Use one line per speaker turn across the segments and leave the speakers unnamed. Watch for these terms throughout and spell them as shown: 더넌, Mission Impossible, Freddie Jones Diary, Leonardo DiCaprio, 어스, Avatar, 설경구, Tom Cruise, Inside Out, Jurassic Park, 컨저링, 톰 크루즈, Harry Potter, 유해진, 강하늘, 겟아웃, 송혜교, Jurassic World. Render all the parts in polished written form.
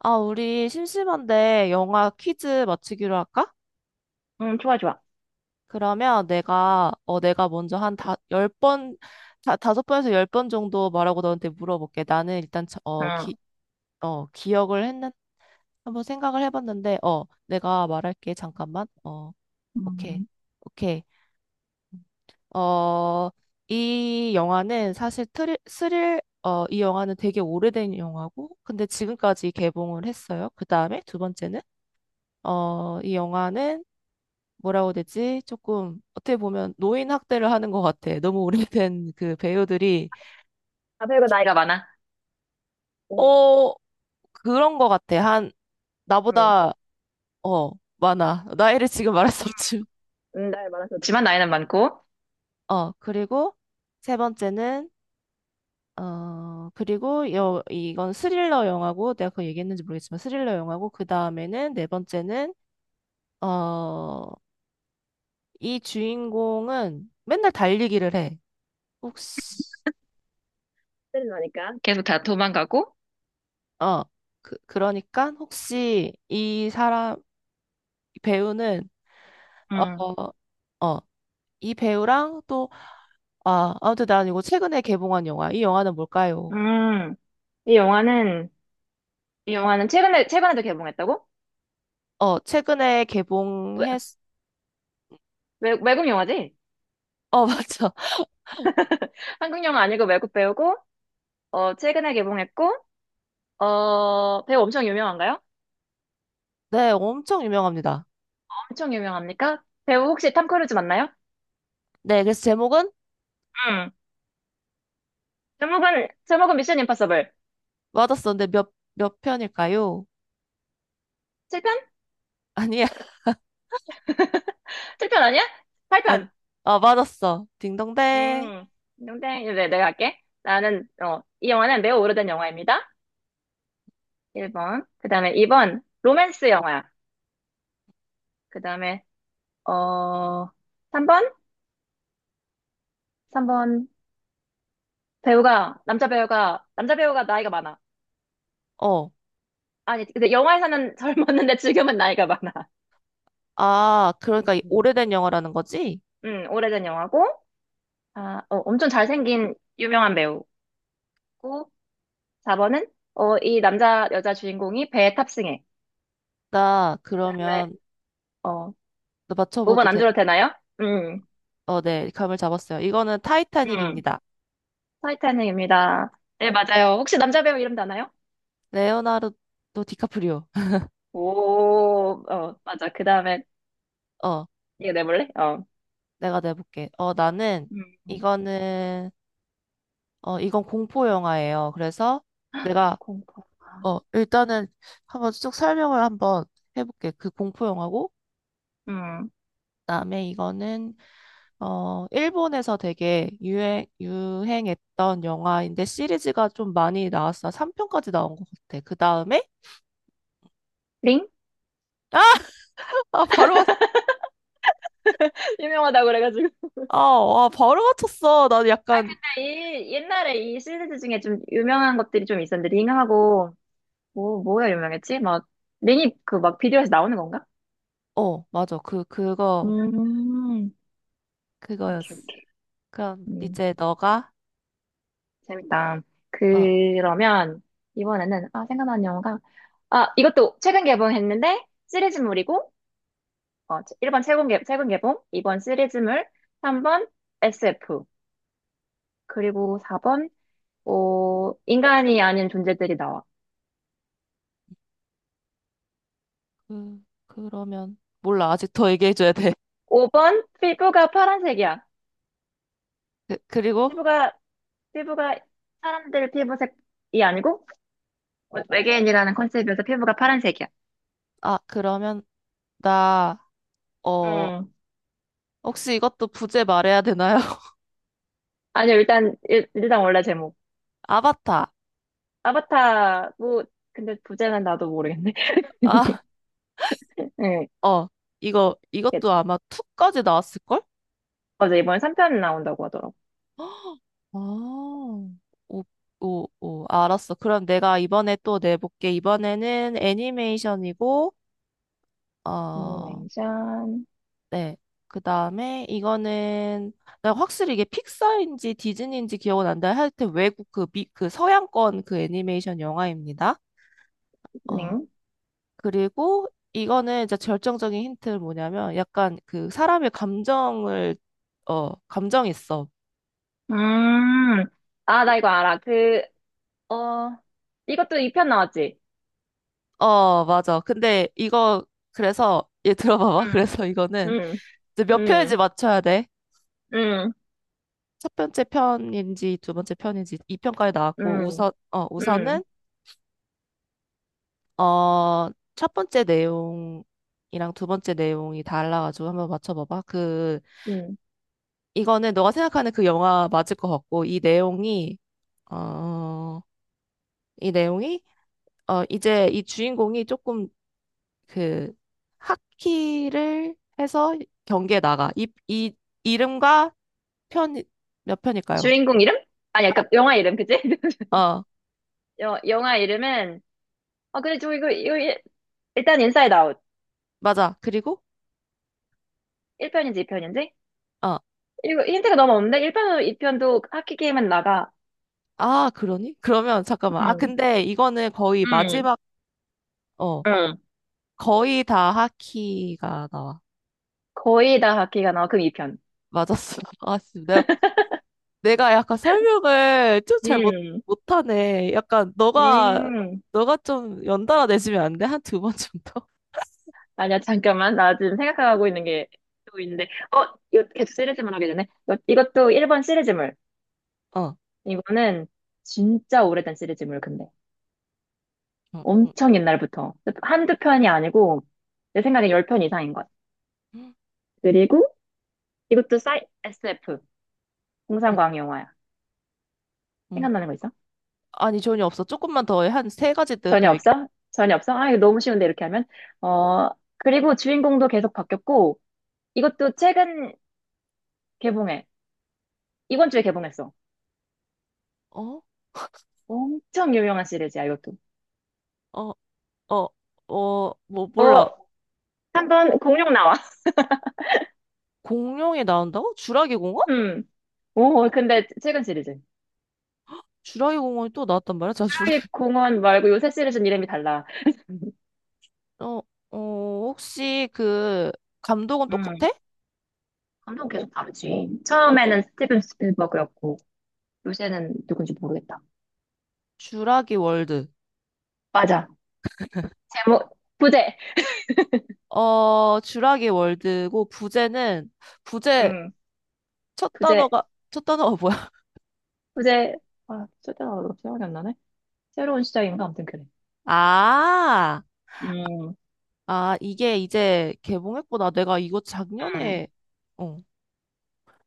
아, 우리 심심한데 영화 퀴즈 맞추기로 할까?
응, 좋아, 좋아.
그러면 내가, 내가 먼저 한 다, 열 번, 다, 다섯 번에서 열 번 정도 말하고 너한테 물어볼게. 나는 일단, 저- 어, 기,
응.
어, 기억을 했는, 한번 생각을 해봤는데, 내가 말할게. 잠깐만. 어, 오케이.
음,
오케이. 어, 이 영화는 사실 이 영화는 되게 오래된 영화고, 근데 지금까지 개봉을 했어요. 그 다음에 두 번째는, 이 영화는 뭐라고 해야 되지? 조금 어떻게 보면 노인 학대를 하는 것 같아. 너무 오래된 그 배우들이
우고 나이가, 많아. 응,
어 그런 것 같아. 한
응,
나보다 어 많아. 나이를 지금 말할 수 없지.
나이 많아서 지만 나이는 많고
그리고 세 번째는 그리고 여 이건 스릴러 영화고 내가 그거 얘기했는지 모르겠지만 스릴러 영화고 그 다음에는 네 번째는 어 이 주인공은 맨날 달리기를 해. 혹시
때는 나니까. 계속 다 도망가고.
어 그러니까 혹시 이 사람 이 배우는 어,
응.
어, 어, 이 배우랑 또 아무튼 난 이거 최근에 개봉한 영화. 이 영화는 뭘까요?
음, 이 영화는, 이 영화는 최근에, 최근에도 개봉했다고?
어, 최근에
외,
개봉했
외국 영화지?
어, 맞죠.
한국 영화 아니고 외국 배우고, 최근에 개봉했고, 배우 엄청 유명한가요?
네, 엄청 유명합니다.
엄청 유명합니까? 배우 혹시 탐 크루즈 맞나요?
네, 그래서 제목은
응. 제목은 미션 임파서블.
맞았어. 근데 몇 편일까요?
7편?
아니야.
7편 아니야?
아,
8편!
맞았어. 딩동댕.
음, 농이 네, 내가 할게. 나는, 이 영화는 매우 오래된 영화입니다. 1번. 그 다음에 2번, 로맨스 영화야. 그 다음에, 어, 3번? 3번, 남자 배우가 나이가 많아.
어.
아니, 근데 영화에서는 젊었는데 지금은 나이가 많아.
아, 그러니까 이
음,
오래된 영화라는 거지?
오래된 영화고, 엄청 잘생긴 유명한 배우고, 4번은, 여자 주인공이 배에 탑승해.
나
그 다음에,
그러면
어,
나
5번
맞춰봐도
안
돼.
들어도 되나요? 음,
어, 네. 감을 잡았어요. 이거는
음.
타이타닉입니다.
타이타닉입니다. 네, 맞아요. 혹시 남자 배우 이름도 아나요?
레오나르도 디카프리오.
오, 맞아. 그 다음에,
어.
이거 내볼래? 어.
내가 내볼게. 나는
음,
이거는 이건 공포 영화예요. 그래서 내가
공포.
일단은 한번 쭉 설명을 한번 해볼게. 그 공포 영화고
음.
그다음에 이거는 일본에서 되게 유행했던 영화인데 시리즈가 좀 많이 나왔어. 3편까지 나온 것 같아. 그다음에
링?
아, 아 바로 맞,
유명하다고 그래가지고.
아, 바로 맞췄어. 난 약간
옛날에 이 시리즈 중에 좀 유명한 것들이 좀 있었는데, 링하고, 뭐야 유명했지? 막, 링이 그 막 비디오에서 나오는 건가?
어, 맞아. 그
음, 오케이,
그거였어.
오케이.
그럼
음,
이제 너가
재밌다.
어
그러면, 이번에는, 생각나는 영화가, 이것도 최근 개봉했는데, 시리즈물이고, 1번 최근, 최근 개봉, 2번 시리즈물, 3번 SF, 그리고 4번 인간이 아닌 존재들이 나와.
그러면, 몰라. 아직 더 얘기해줘야 돼.
5번 피부가 파란색이야.
그, 그리고,
피부가, 피부가 사람들 피부색이 아니고 외계인이라는 컨셉이어서 피부가 파란색이야.
그러면, 나, 어,
음.
혹시 이것도 부제 말해야 되나요?
아니요, 일단, 단 원래 제목.
아바타.
아바타, 뭐, 근데 부제는 나도 모르겠네.
아,
네.
어, 이것도 아마 2까지 나왔을걸?
어제 이번에 3편 나온다고 하더라고.
아, 오, 오, 알았어. 그럼 내가 이번에 또 내볼게. 이번에는 애니메이션이고, 어,
애니메이션,
네. 그 다음에 이거는 나 확실히 이게 픽사인지 디즈니인지 기억은 안 나요. 하여튼 외국 그 서양권 그 애니메이션 영화입니다. 어.
네.
그리고 이거는 이제 결정적인 힌트는 뭐냐면 약간 그 사람의 감정을 어, 감정 있어.
음, 나 이거 알아. 그, 어, 이것도 2편 나왔지?
어, 맞아. 근데 이거 그래서 얘 들어봐봐.
응,
그래서 이거는
음,
이제 몇
음,
편인지 맞춰야 돼.
음,
첫 번째 편인지 두 번째 편인지 이 편까지 나왔고
음,
우선
음,
우선은 어, 첫 번째 내용이랑 두 번째 내용이 달라가지고 한번 맞춰봐봐. 그,
음.
이거는 너가 생각하는 그 영화 맞을 것 같고, 어, 이 내용이, 이제 이 주인공이 조금 그, 하키를 해서 경기에 나가. 이름과 편, 몇 편일까요?
주인공 이름? 아니, 약간 영화 이름, 그치?
어,
영화 이름은, 근데 저 일단 인사이드 아웃.
맞아. 그리고,
1편인지 2편인지?
어,
이거 힌트가 너무 없는데? 1편도 2편도 하키 게임은 나가.
아, 그러니? 그러면 잠깐만. 아,
응,
근데 이거는 거의
응,
마지막, 어
응,
거의 다 하키가 나와.
거의 다 하키가 나와. 그럼 2편.
맞았어. 내가 약간 설명을 좀 잘 못,
응.
못하네. 약간 너가,
음. 음.
너가 좀 연달아 내주면 안 돼? 한 두 번 정도?
아니야, 잠깐만. 나 지금 생각하고 있는 게 또 있는데. 어, 이거 계속 시리즈물 하게 되네. 이것도 1번 시리즈물.
어.
이거는 진짜 오래된 시리즈물, 근데.
응, 응,
엄청 옛날부터. 한두 편이 아니고, 내 생각엔 열 편 이상인 것 같아.
응,
그리고 이것도 SF,
응.
공상과학 영화야.
응.
생각나는 거 있어?
아니, 전혀 없어. 조금만 더, 한 세 가지 더, 더
전혀
얘기.
없어? 전혀 없어? 이거 너무 쉬운데, 이렇게 하면. 어, 그리고 주인공도 계속 바뀌었고, 이것도 최근 개봉해. 이번 주에 개봉했어.
어?
엄청 유명한 시리즈야, 이것도.
어, 어, 뭐, 몰라.
어, 한 번 공룡 나와.
공룡이 나온다고? 주라기 공원?
음. 오, 근데 최근 시리즈. 하
주라기 공원이 또 나왔단 말이야? 자,
루
주라기.
이 공원 말고 요새 시리즈는 이름이 달라.
어, 어, 혹시 그, 감독은
음.
똑같아?
감독 계속 다르지. 처음에는 스티븐 스필버그였고, 요새는 누군지 모르겠다.
주라기 월드.
맞아. 제목, 부제.
어, 주라기 월드고 부제는 부제
음.
첫
부제,
단어가 첫 단어가 뭐야?
부제. 진짜 생각이 안 나네. 새로운 시작인가? 아무튼 그래.
아,
음.
아 이게 이제 개봉했구나. 내가 이거
음.
작년에 어,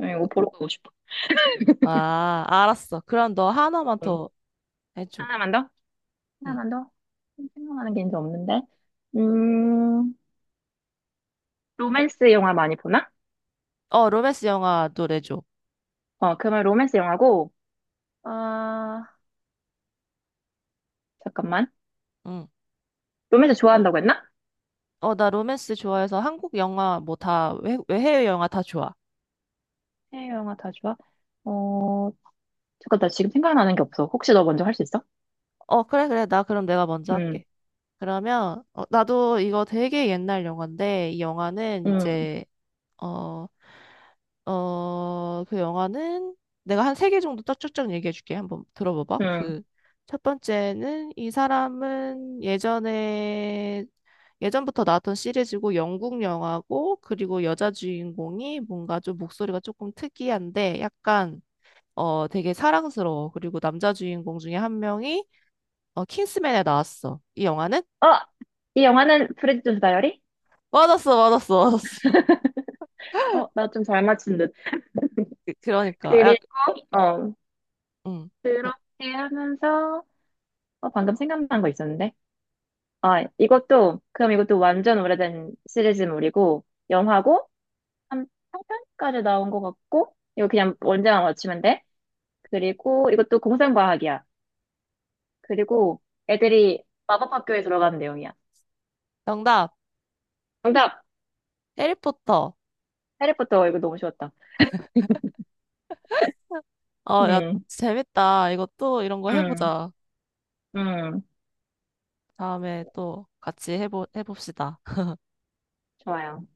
이거
그-
보러 가고 싶어.
아, 알았어. 그럼 너 하나만
음.
더 해줘.
하나만 더?
응.
하나만 더? 생각나는 게 이제 없는데. 음. 로맨스 영화 많이 보나?
어, 로맨스 영화 노래줘.
그러면 로맨스 영화고, 아, 잠깐만.
응.
로맨스 좋아한다고 했나?
어, 나 로맨스 좋아해서 한국 영화 뭐 다, 외, 해외 영화 다 좋아.
해외 영화 다 좋아? 어, 잠깐, 나 지금 생각나는 게 없어. 혹시 너 먼저 할 수 있어?
어, 그래, 그래. 나 그럼 내가 먼저
응,
할게. 그러면, 나도 이거 되게 옛날 영화인데, 이 영화는
응,
이제 어, 그 영화는 내가 한 세 개 정도 딱 쭉쭉 얘기해 줄게. 한번 들어봐봐.
응.
그 첫 번째는 이 사람은 예전에 예전부터 나왔던 시리즈고 영국 영화고 그리고 여자 주인공이 뭔가 좀 목소리가 조금 특이한데 약간 되게 사랑스러워. 그리고 남자 주인공 중에 한 명이 킹스맨에 나왔어. 이 영화는
어! 이 영화는 프레디 존스 다이어리?
맞았어, 맞았어, 맞았어.
나 좀 잘 맞춘 듯.
그러니까
그리고,
약
어,
음.
그렇게 하면서, 방금 생각난 거 있었는데. 그럼 이것도 완전 오래된 시리즈물이고, 영화고, 한 3편까지 나온 것 같고, 이거 그냥 언제나 맞추면 돼. 그리고 이것도 공상과학이야. 그리고 애들이 마법학교에 들어가는 내용이야.
정답
정답!
해리포터.
해리포터, 이거 너무 쉬웠다.
어, 야,
음,
재밌다. 이거 또 이런 거
음,
해보자.
음.
다음에 또 같이 해봅시다.
좋아요.